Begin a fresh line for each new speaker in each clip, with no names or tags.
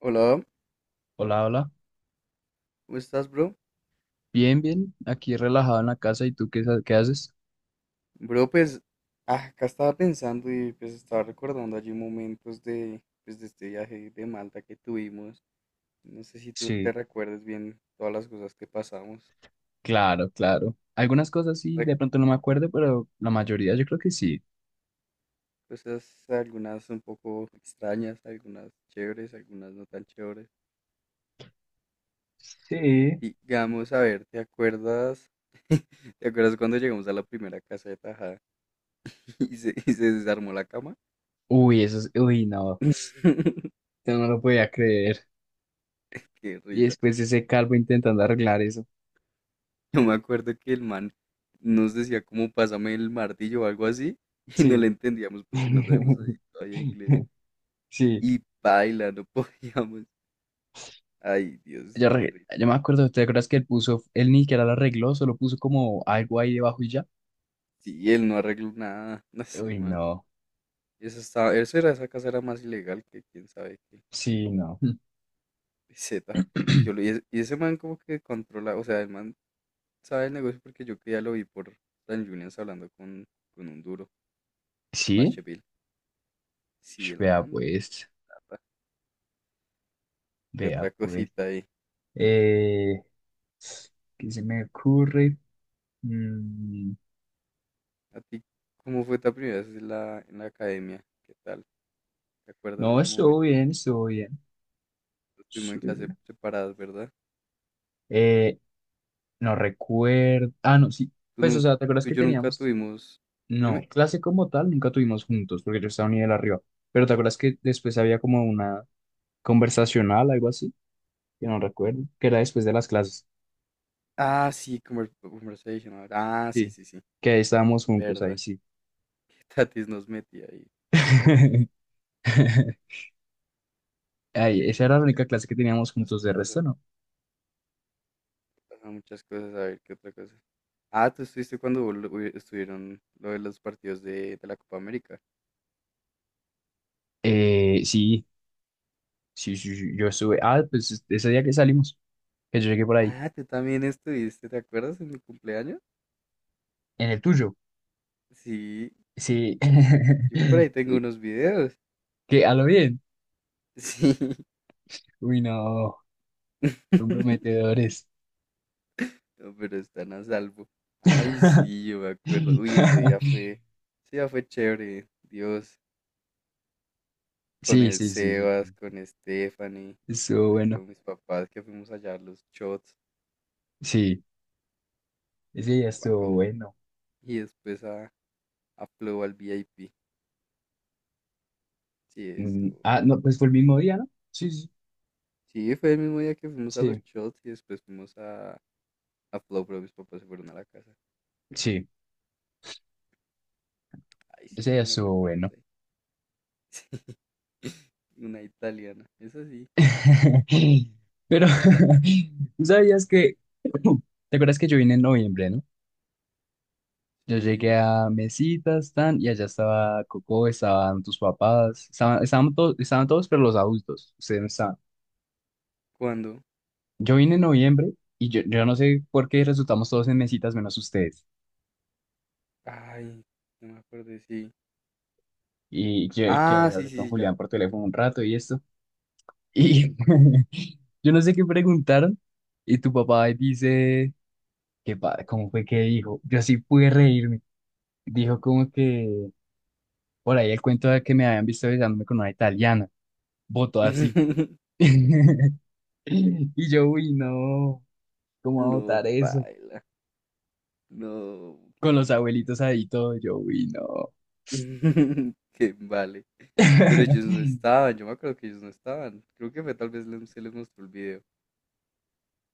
Hola,
Hola, hola.
¿cómo estás, bro?
Bien, bien. Aquí relajado en la casa. ¿Y tú qué, qué haces?
Bro, pues acá estaba pensando y pues estaba recordando allí momentos de este viaje de Malta que tuvimos. No sé si tú te
Sí,
recuerdas bien todas las cosas que pasamos.
claro, claro. Algunas cosas sí,
Re-
de pronto no me acuerdo, pero la mayoría yo creo que sí.
Cosas, algunas un poco extrañas, algunas chéveres, algunas no tan chéveres.
Sí.
Digamos, a ver, ¿te acuerdas? ¿Te acuerdas cuando llegamos a la primera casa de Tajada y se desarmó la cama?
Uy, eso es... Uy, no. Yo no lo podía creer.
Qué
Y
risa.
después ese calvo intentando arreglar eso.
Yo me acuerdo que el man nos decía como pásame el martillo o algo así y no
Sí.
le entendíamos porque no sabemos ahí todavía inglés.
Sí.
Y baila, no podíamos. Ay, Dios,
Yo,
qué rico.
yo me acuerdo. ¿Te acuerdas que él puso... Él ni siquiera lo arregló, solo puso como algo ahí debajo y ya?
Sí, él no arregló nada. No sé,
Uy,
man.
no.
Eso estaba, eso era, esa casa era más ilegal que quién sabe qué.
Sí, no.
Z. Y yo lo- y, es- y ese man como que controla, o sea, el man sabe el negocio porque yo que ya lo vi por Dan Julians hablando con un duro, por
Sí.
Pacheville. Sí,
Sh,
el
vea
man de
pues.
plata. ¿Qué
Vea
otra
pues.
cosita ahí?
Eh, ¿Qué se me ocurre? Mm,
¿A ti cómo fue tu primera vez en la academia? ¿Qué tal? ¿Te acuerdas de
no,
ese
estuvo
momento?
bien, estuvo bien.
Pues, estuvimos
Sí.
en clase separadas, ¿verdad?
Eh, no recuerdo. Ah, no, sí.
Tú,
Pues, o
nun-
sea, ¿te acuerdas
tú y
que
yo nunca
teníamos?
tuvimos...
No,
Dime.
clase como tal nunca tuvimos juntos porque yo estaba un nivel arriba. Pero ¿te acuerdas que después había como una conversacional, algo así? Que no recuerdo. Que era después de las clases.
Ah, sí, conversation ahora. Ah, sí,
Sí.
sí, sí.
Que ahí estábamos juntos, ahí
¿Verdad?
sí.
Que Tatis nos metía ahí. ¿Qué
Ay,
otra
esa era la
cosa?
única clase que teníamos
Muchas
juntos, de
cosas.
resto no.
Pasaban muchas cosas. A ver, ¿qué otra cosa? Ah, tú estuviste cuando estuvieron lo de los partidos de la Copa América.
Sí. Sí, sí, sí, yo estuve. Ah, pues ese día que salimos, que yo llegué por ahí,
Ah, tú también estuviste, ¿te acuerdas? En mi cumpleaños.
en el tuyo.
Sí,
Sí,
yo por ahí tengo
sí.
unos videos.
Que a lo bien.
Sí.
Uy, no, comprometedores.
No, pero están a salvo. Ay, sí, yo me acuerdo. Uy, ese día fue chévere. Dios, con
Sí,
el
sí, sí, sí,
Sebas, con
sí.
Stephanie,
Estuvo
ay,
bueno.
con mis papás que fuimos allá a los shots.
Sí, ese día estuvo
Wow.
bueno.
Y después a Flow al VIP. Sí, eso.
Ah, no, pues fue el mismo día, ¿no? Sí, sí,
Sí, fue el mismo día que fuimos a los
sí,
shots y después fuimos a Flow, pero mis papás se fueron a la casa.
sí,
Ay, sí,
ese día
buenos
estuvo
recuerdos
bueno.
ahí. Sí. Una italiana. Es así.
Pero, ¿tú sabías que? ¿Te acuerdas que yo vine en noviembre, no? Yo
Sí.
llegué a mesitas, tan, y allá estaba Coco, estaban tus papás, estaban, estaban, estaban todos, pero los adultos, ustedes no estaban.
¿Cuándo?
Yo vine en noviembre y yo no sé por qué resultamos todos en mesitas menos ustedes.
Ay, no me acuerdo, sí.
Y yo, que
Ah, sí,
hablé con
sí, sí, ya.
Julián por teléfono un rato y esto. Y yo no sé qué preguntaron. Y tu papá ahí dice, ¿qué pa ¿cómo fue que dijo? Yo sí pude reírme. Dijo como que por ahí el cuento de que me habían visto besándome con una italiana. Votó así. Y yo, uy, no, ¿cómo va a
No,
votar eso?
baila. No,
Con los
¿quién vale?
abuelitos ahí todo, yo, uy, no.
¿Quién vale? Pero ellos no estaban, yo me acuerdo que ellos no estaban. Creo que fue tal vez se les mostró el video.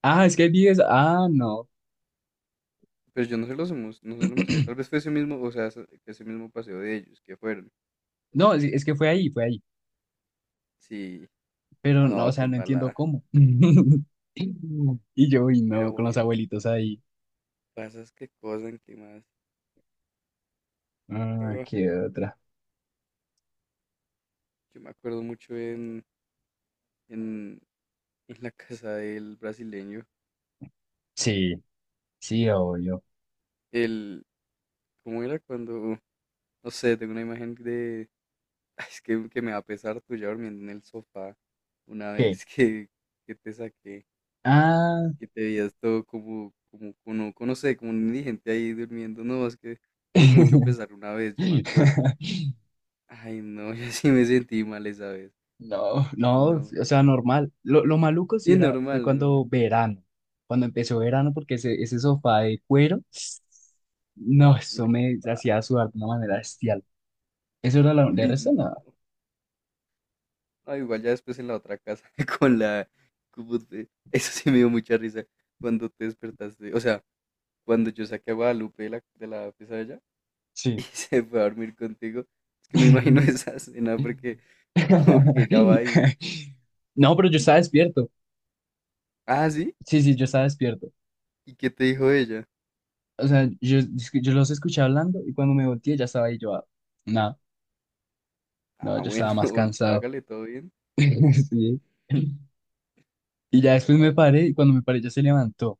Ah, es que hay videos, ah, no.
Pero yo no se los no se lo mostré. Tal vez fue ese mismo, o sea, que ese mismo paseo de ellos, que fueron.
No, es que fue ahí, fue ahí.
Sí,
Pero no, o
no, qué
sea, no entiendo
embalada.
cómo. Y yo, uy,
Pero
no, con los
bueno,
abuelitos ahí.
pasas qué cosas, qué más.
Ah,
Ah,
qué otra.
yo me acuerdo mucho en, en la casa del brasileño.
Sí, sí, obvio.
El, ¿cómo era cuando, no sé, tengo una imagen de, es que me va a pesar tuya durmiendo en el sofá una
¿Qué?
vez que te saqué,
Ah.
que te veías todo como, no sé, como un indigente ahí durmiendo, no, es que me dio mucho pesar una vez, yo me acuerdo. Ay, no, yo sí me sentí mal esa vez.
No,
Dije,
no, o
no,
sea, normal. Lo maluco sí
y
era, fue
normal, normal.
cuando verano, cuando empezó verano, porque ese sofá de cuero, no, eso
Uy,
me
pa,
hacía sudar de una manera bestial. Eso era la de
uy,
resto, nada.
no. No, igual ya después en la otra casa, con la, eso sí me dio mucha risa cuando te despertaste, o sea, cuando yo saqué a Guadalupe de la pesadilla y
Sí.
se fue a dormir contigo, es que me imagino esa escena porque como que ella va
No, pero yo
y-
estaba despierto.
ah, sí,
Sí, sí, yo estaba despierto.
¿y qué te dijo ella?
O sea, yo, es que yo los escuché hablando y cuando me volteé ya estaba ahí yo, ah, no, no,
Ah,
yo
bueno,
estaba más cansado.
hágale todo bien.
Sí. Y ya
Esa
después me
Guadalupe.
paré y cuando me paré ya se levantó.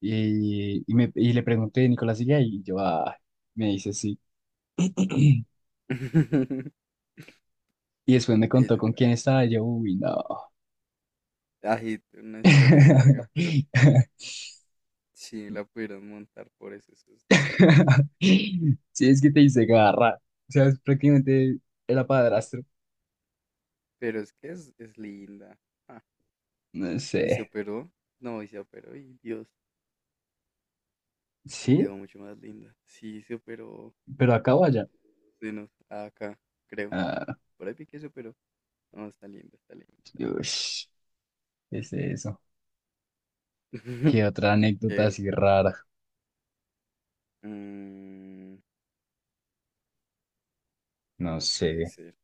Y le pregunté, Nicolás sigue ahí, y yo, ah, me dice sí. Y después me contó
Esa
con quién
Guadalupe.
estaba, y yo, uy, no.
Ay, una historia larga, pero sí la pudieron montar por eso, esos dos.
Sí, es que te hice garra. O sea, es prácticamente era padrastro.
Pero es que es linda. Ah,
No
y se
sé.
operó. No, y se operó y Dios,
Sí,
quedó mucho más linda. Sí, se operó.
pero acá o
Sí.
allá.
Dinos, acá, creo.
Ah,
Por ahí vi que eso, pero no, está lindo, está lindo.
ush, ¿qué es eso? ¿Qué otra anécdota
¿Qué,
así rara?
mm, ¿qué
No
más
sé.
puede ser?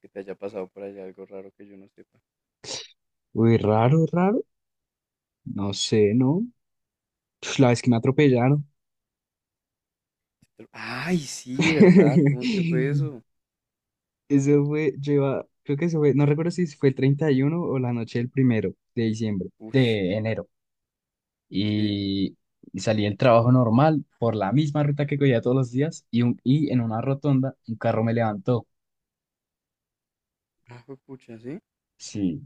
Que te haya pasado por allá algo raro que yo no sepa.
Uy, raro, raro. No sé, ¿no? Uf, la vez que me atropellaron.
Ay, sí, ¿verdad? ¿Cómo es que fue eso?
Eso fue, lleva creo que eso fue, no recuerdo si fue el 31 o la noche del primero de diciembre,
Ush,
de enero.
sí.
Y salí del trabajo normal por la misma ruta que cogía todos los días y, un, y en una rotonda un carro me levantó.
Ah, pucha, ¿sí?
Sí,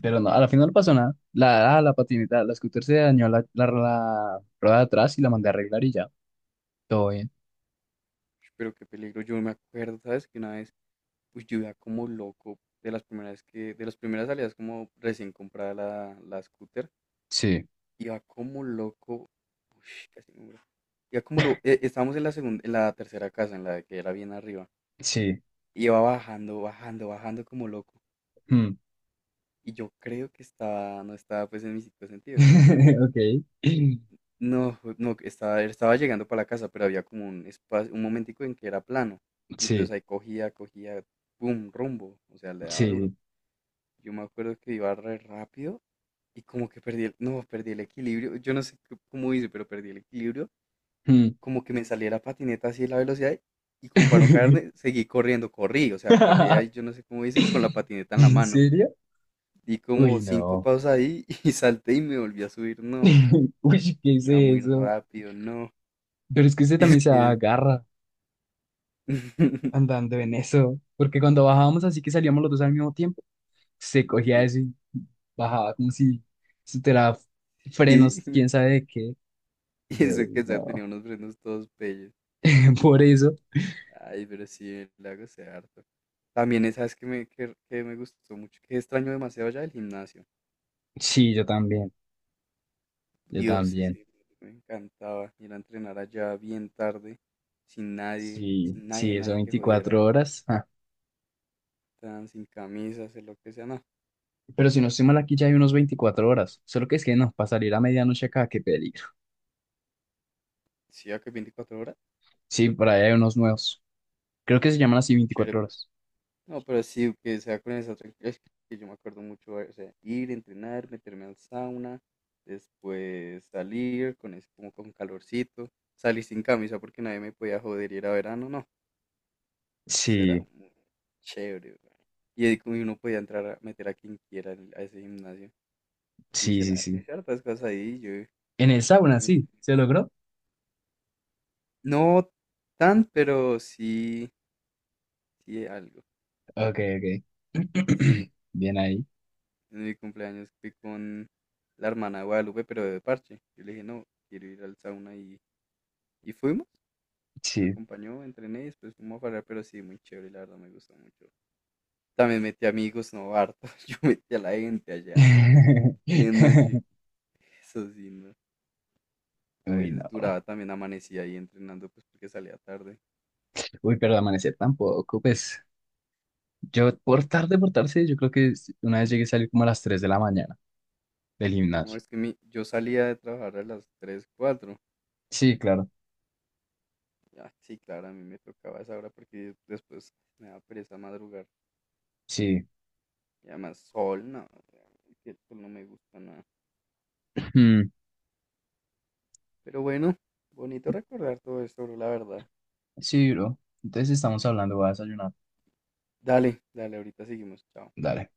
pero no, a la final no pasó nada. La, ah, la patineta, la scooter se dañó la rueda de atrás y la mandé a arreglar y ya. Todo bien.
Ush, pero qué peligro. Yo me acuerdo, ¿sabes? Que una vez, uy, yo iba como loco de las primeras de las primeras salidas como recién comprada la scooter.
Sí,
Iba como loco. Ush, casi me muero. Iba como loco. Estábamos en la segunda, en la tercera casa, en la que era bien arriba.
sí.
Iba bajando como loco.
Mm.
Y yo creo que no estaba pues en mis cinco sentidos, ¿sí me entiendes?
Ok. Sí,
No, no, estaba llegando para la casa, pero había como un espacio, un momentico en que era plano. Entonces
sí,
ahí cogía, pum, rumbo. O sea, le daba duro.
sí.
Yo me acuerdo que iba re rápido y como que perdí el equilibrio. Yo no sé cómo hice, pero perdí el equilibrio
Mm.
como que me saliera patineta así la velocidad y como para no caerme, seguí corriendo, corrí, o sea, corría y yo no sé cómo hice, con la patineta en la
¿En
mano.
serio?
Di
Uy,
como cinco
no.
pasos ahí y salté y me volví a subir, no,
Uy, ¿qué es
ya muy
eso?
rápido, no.
Pero es que usted
Y
también
es
se
que...
agarra andando en eso. Porque cuando bajábamos así que salíamos los dos al mismo tiempo, se cogía
sí,
eso y bajaba como si se tuviera
Y,
frenos, quién sabe de qué.
y
Yo,
eso que ya tenía
no.
unos frenos todos bellos.
Por eso.
Ay, pero sí, el lago se harto. También, ¿sabes que me gustó mucho? Que extraño demasiado ya el gimnasio.
Sí, yo también. Yo
Dios,
también.
ese me encantaba ir a entrenar allá bien tarde, sin nadie,
Sí,
sin nadie,
sí, eso
nadie que jodiera,
24 horas. Ah.
tan sin camisa, hacer lo que sea, no.
Pero si no estoy mal aquí ya hay unos 24 horas. Solo que es que no, para salir a medianoche acá, qué peligro.
Sí, a que 24 horas,
Sí, por ahí hay unos nuevos. Creo que se llaman así
qué chévere.
24 horas.
No, pero sí, que sea con esa tranquilidad, es que yo me acuerdo mucho, o sea, ir, entrenar, meterme al sauna, después salir con ese, como con calorcito, salir sin camisa porque nadie me podía joder y era verano, no, eso
Sí.
era muy chévere, weón. Y ahí como uno podía entrar a meter a quien quiera a ese gimnasio. Yo
Sí,
hice,
sí,
la, yo
sí.
hice hartas cosas ahí, yo,
En el sauna,
yo me-
sí. ¿Se logró?
no tan, pero sí, sí algo.
Ok, ok.
Sí,
Bien ahí.
en mi cumpleaños fui con la hermana de Guadalupe, pero de parche. Yo le dije, no, quiero ir al sauna y fuimos. Me
Sí.
acompañó, entrené y después fuimos a parar, pero sí, muy chévere, la verdad me gustó mucho. También metí amigos, no, harto. Yo metí a la gente allá. Y en noche, eso sí, no. A
Uy,
veces
no.
duraba también, amanecía ahí entrenando, pues porque salía tarde.
Uy, pero amanecer tampoco. Pues yo por tarde, yo creo que una vez llegué a salir como a las 3 de la mañana del
No,
gimnasio.
es que mi, yo salía de trabajar a las 3 cuatro.
Sí, claro.
Ah, sí, claro, a mí me tocaba a esa hora porque después me da pereza madrugar.
Sí.
Y además, sol, no, o sea, el sol no me gusta nada.
Mm.
Pero bueno, bonito recordar todo esto, bro, la verdad.
Sí, bro. Entonces estamos hablando, voy a desayunar.
Dale, dale, ahorita seguimos, chao.
Dale.